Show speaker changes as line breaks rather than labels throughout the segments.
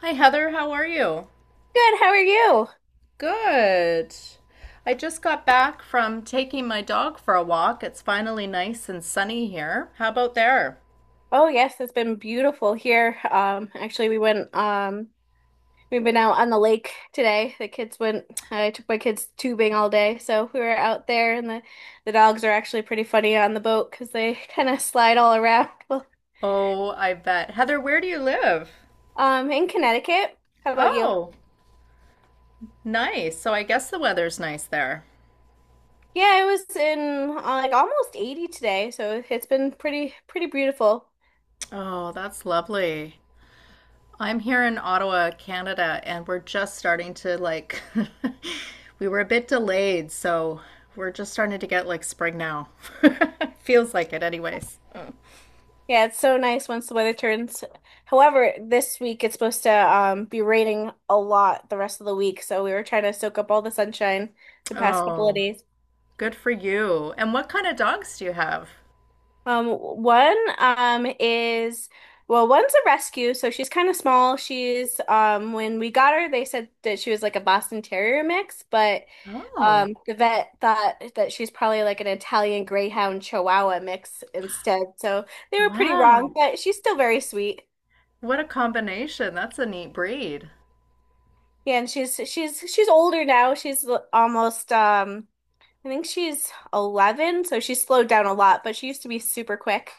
Hi, Heather. How are you?
Good, how are you?
Good. I just got back from taking my dog for a walk. It's finally nice and sunny here. How about there?
Oh yes, it's been beautiful here. Actually we went, we've been out on the lake today. The kids went. I took my kids tubing all day, so we were out there and the dogs are actually pretty funny on the boat 'cause they kind of slide all around. Well,
Oh, I bet. Heather, where do you live?
in Connecticut. How about you?
Oh, nice. So I guess the weather's nice there.
Yeah, it was in, like almost 80 today, so it's been pretty beautiful.
Oh, that's lovely. I'm here in Ottawa, Canada, and we're just starting to, like, we were a bit delayed, so we're just starting to get, like, spring now. Feels like it, anyways.
Yeah, it's so nice once the weather turns. However, this week it's supposed to, be raining a lot the rest of the week, so we were trying to soak up all the sunshine the past couple of
Oh.
days.
Good for you. And what kind of dogs do you have?
One, is, well, one's a rescue, so she's kind of small. She's, when we got her, they said that she was like a Boston Terrier mix, but
Oh,
the vet thought that she's probably like an Italian Greyhound Chihuahua mix instead. So they were pretty
wow.
wrong, but she's still very sweet.
What a combination. That's a neat breed.
Yeah, and she's older now. She's almost, I think she's 11, so she's slowed down a lot, but she used to be super quick.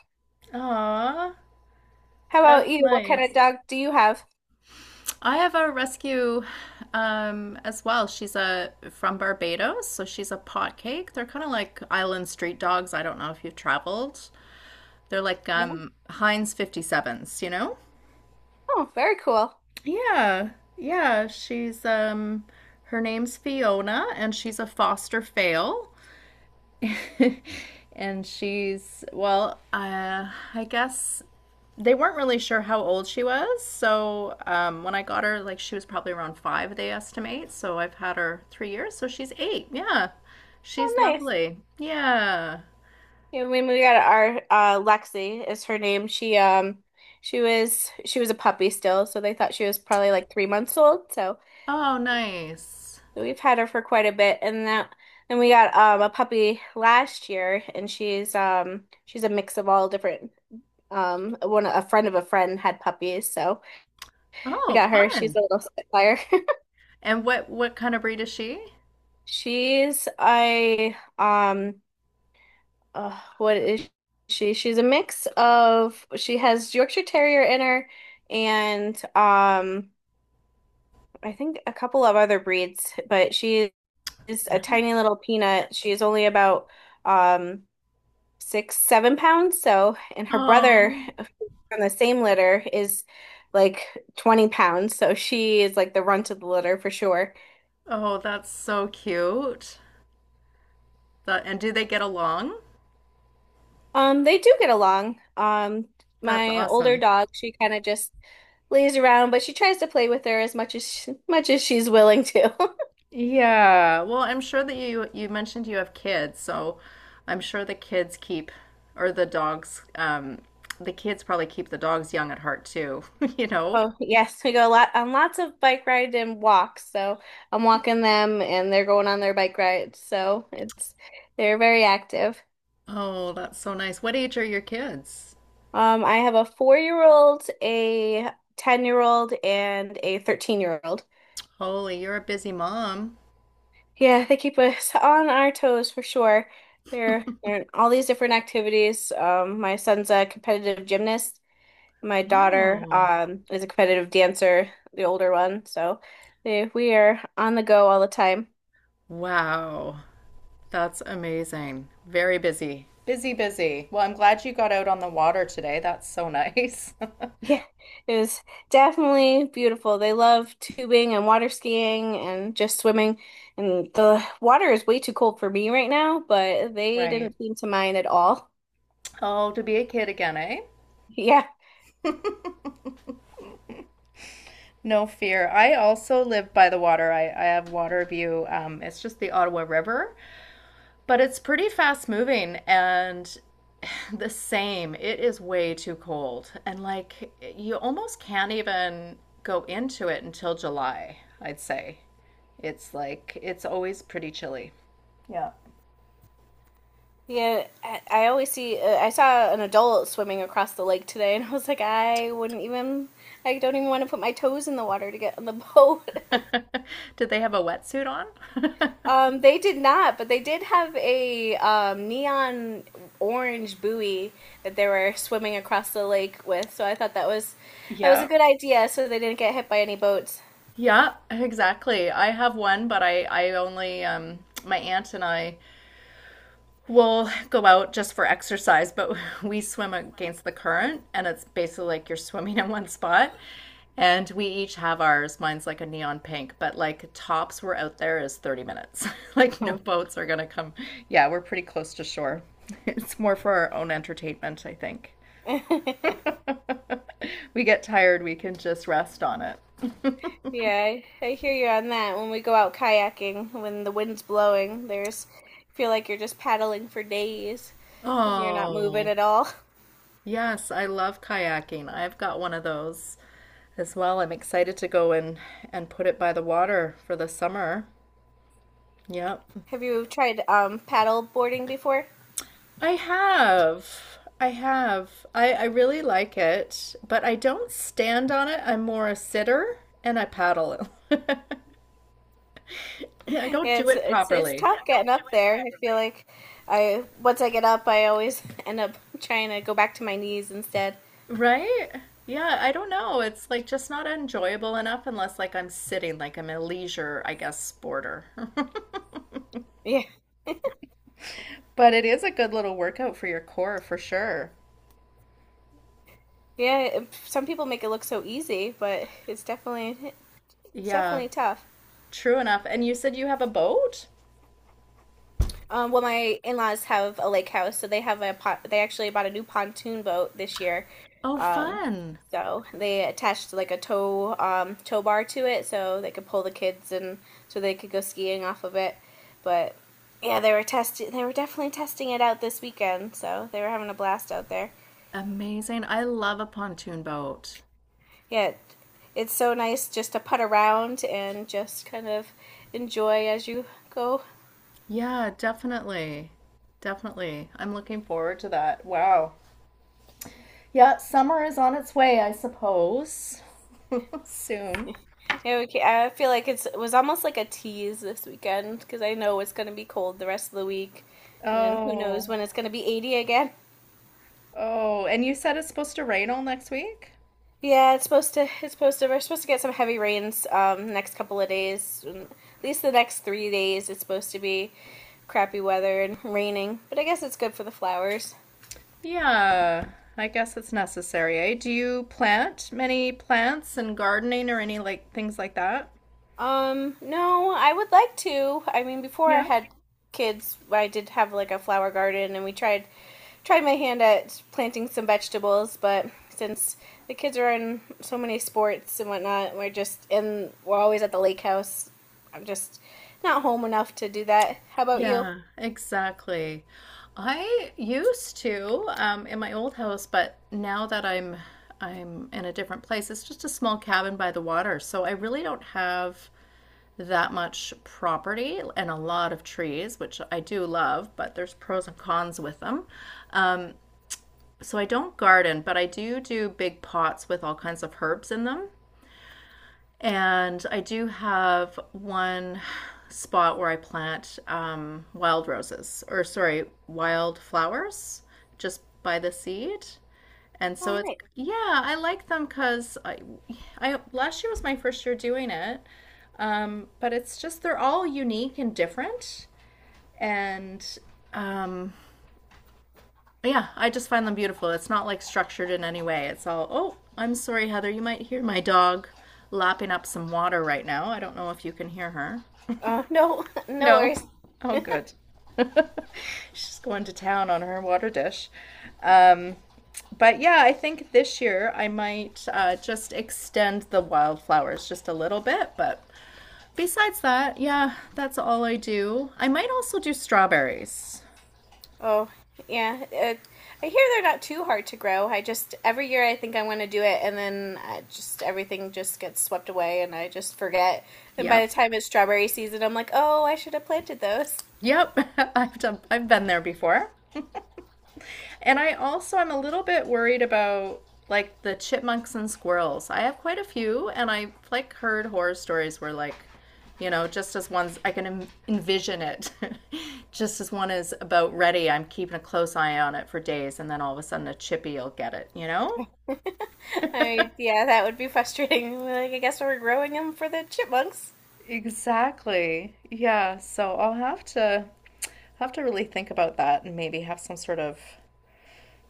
Aw,
How about
that's
you? What kind of
nice.
dog do you have?
I have a rescue, as well. She's a from Barbados, so she's a pot cake. They're kind of like island street dogs. I don't know if you've traveled. They're like,
No.
Heinz 57s, you know?
Oh, very cool.
Yeah, yeah. She's, her name's Fiona, and she's a foster fail. And well, I guess they weren't really sure how old she was. So, when I got her, like, she was probably around five, they estimate. So I've had her 3 years. So she's eight. Yeah.
Oh,
She's
nice.
lovely. Yeah.
Yeah, when we got our Lexi is her name. She, she was a puppy still, so they thought she was probably like 3 months old. So
Oh, nice.
we've had her for quite a bit, and that and we got a puppy last year, and she's a mix of all different. One A friend of a friend had puppies, so we
Oh,
got her. She's a
fun.
little spitfire.
And what kind of breed is she?
She's a, what is she? She's a mix of, she has Yorkshire Terrier in her, and I think a couple of other breeds, but she is a
Nice.
tiny little peanut. She's only about, um 6, 7 pounds. So, and her brother
Oh,
from the same litter is like 20 pounds. So she is like the runt of the litter for sure.
oh, that's so cute. That, and do they get along?
They do get along.
That's
My older
awesome.
dog, she kind of just lays around, but she tries to play with her as much as she's willing to.
Yeah. Well, I'm sure that, you mentioned, you have kids, so I'm sure the kids keep, or the dogs the kids probably keep the dogs young at heart too, you know?
Oh, yes, we go a lot on lots of bike rides and walks. So I'm walking them and they're going on their bike rides. So it's they're very active.
Oh, that's so nice. What age are your kids?
I have a 4-year-old, a 10-year-old, and a 13-year-old.
Holy, you're a busy mom.
Yeah, they keep us on our toes for sure. They're in all these different activities. My son's a competitive gymnast. My daughter,
Oh,
is a competitive dancer, the older one. So we are on the go all the time.
wow. That's amazing. Very busy. Busy, busy. Well, I'm glad you got out on the water today. That's so nice.
Yeah, it was definitely beautiful. They love tubing and water skiing and just swimming. And the water is way too cold for me right now, but they
Right.
didn't seem to mind at all.
Oh, to be a kid again, eh?
Yeah.
No fear. I also live by the water. I have water view. It's just the Ottawa River, but it's pretty fast moving and the same. It is way too cold. And like you almost can't even go into it until July, I'd say. It's like it's always pretty chilly. Yeah.
Yeah, I always see, I saw an adult swimming across the lake today, and I was like, I wouldn't even, I don't even want to put my toes in the water to get on the boat.
Did they have a wetsuit on?
They did not, but they did have a, neon orange buoy that they were swimming across the lake with. So I thought that was a
Yeah.
good idea, so they didn't get hit by any boats.
Yeah, exactly. I have one, but I only, my aunt and I, we'll go out just for exercise, but we swim against the current, and it's basically like you're swimming in one spot. And we each have ours. Mine's like a neon pink, but like tops we're out there is 30 minutes. Like no
Mhm.
boats are gonna come. Yeah, we're pretty close to shore. It's more for our own entertainment, I think. We get tired, we can just rest on it.
Yeah, I hear you on that. When we go out kayaking, when the wind's blowing, there's feel like you're just paddling for days 'cause you're not moving
Oh,
at all.
yes, I love kayaking. I've got one of those as well. I'm excited to go and put it by the water for the summer. Yep.
Have you tried, paddle boarding before?
I have. I have. I really like it, but I don't stand on it. I'm more a sitter and I paddle. I don't
Yeah,
do
it's
it
it's it's
properly.
tough getting up there. I feel like, I once I get up, I always end up trying to go back to my knees instead.
Right? Yeah, I don't know. It's like just not enjoyable enough unless like I'm sitting, like I'm a leisure, I guess, sporter.
Yeah,
But it is a good little workout for your core for sure.
yeah. Some people make it look so easy, but it's definitely it's
Yeah,
definitely tough.
true enough. And you said you have a boat?
Well, my in-laws have a lake house, so they have a pot. They actually bought a new pontoon boat this year.
Oh,
Um,
fun.
so they attached like a tow bar to it, so they could pull the kids and so they could go skiing off of it. But yeah, They were definitely testing it out this weekend, so they were having a blast out there.
Amazing. I love a pontoon boat.
Yeah, it's so nice just to putt around and just kind of enjoy as you go.
Yeah, definitely. Definitely. I'm looking forward to that. Wow. Yeah, summer is on its way, I suppose. Soon.
Yeah, I feel like it was almost like a tease this weekend because I know it's going to be cold the rest of the week, and then who knows
Oh.
when it's going to be 80 again.
Oh, and you said it's supposed to rain all next week?
Yeah, it's supposed to. It's supposed to. We're supposed to get some heavy rains, next couple of days, and at least the next 3 days. It's supposed to be crappy weather and raining, but I guess it's good for the flowers.
Yeah, I guess it's necessary, eh? Do you plant many plants and gardening or any like things like that?
No, I would like to. I mean, before I
Yeah.
had kids, I did have like a flower garden and we tried my hand at planting some vegetables, but since the kids are in so many sports and whatnot, we're just in, we're always at the lake house. I'm just not home enough to do that. How about you?
Yeah, exactly. I used to, in my old house, but now that I'm in a different place, it's just a small cabin by the water, so I really don't have that much property and a lot of trees, which I do love, but there's pros and cons with them. Um, so I don't garden, but I do do big pots with all kinds of herbs in them. And I do have one spot where I plant, wild roses, or sorry, wild flowers just by the seed. And
All
so it's,
right.
yeah, I like them because, last year was my first year doing it. But it's just, they're all unique and different. And, um, yeah, I just find them beautiful. It's not like structured in any way. It's all, oh, I'm sorry, Heather. You might hear my dog lapping up some water right now. I don't know if you can hear her.
No, no
No.
worries.
Oh, good. She's going to town on her water dish. Um, but yeah, I think this year I might, just extend the wildflowers just a little bit. But besides that, yeah, that's all I do. I might also do strawberries.
Oh, yeah. I hear they're not too hard to grow. I just every year I think I want to do it, and then I just everything just gets swept away, and I just forget. And by
Yep.
the time it's strawberry season, I'm like, oh, I should have planted those.
Yep. I've been there before. And I also am a little bit worried about like the chipmunks and squirrels. I have quite a few, and I've like heard horror stories where, like, just as one's I can envision it, just as one is about ready, I'm keeping a close eye on it for days, and then all of a sudden a chippy will get it. You know?
I Yeah, that would be frustrating. Like I guess we're growing them for the chipmunks.
Exactly. Yeah. So I'll have to really think about that, and maybe have some sort of,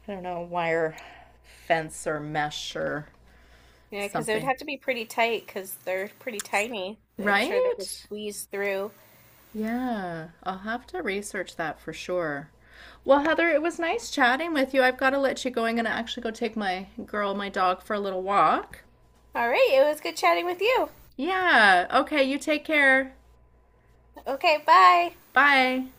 I don't know, wire fence or mesh or
Yeah, because it would
something.
have to be pretty tight because they're pretty tiny. I'm sure they could
Right?
squeeze through.
Yeah, I'll have to research that for sure. Well, Heather, it was nice chatting with you. I've got to let you go. I'm going to actually go take my girl, my dog, for a little walk.
All right, it was good chatting with you.
Yeah. Okay. You take care.
Okay, bye.
Bye.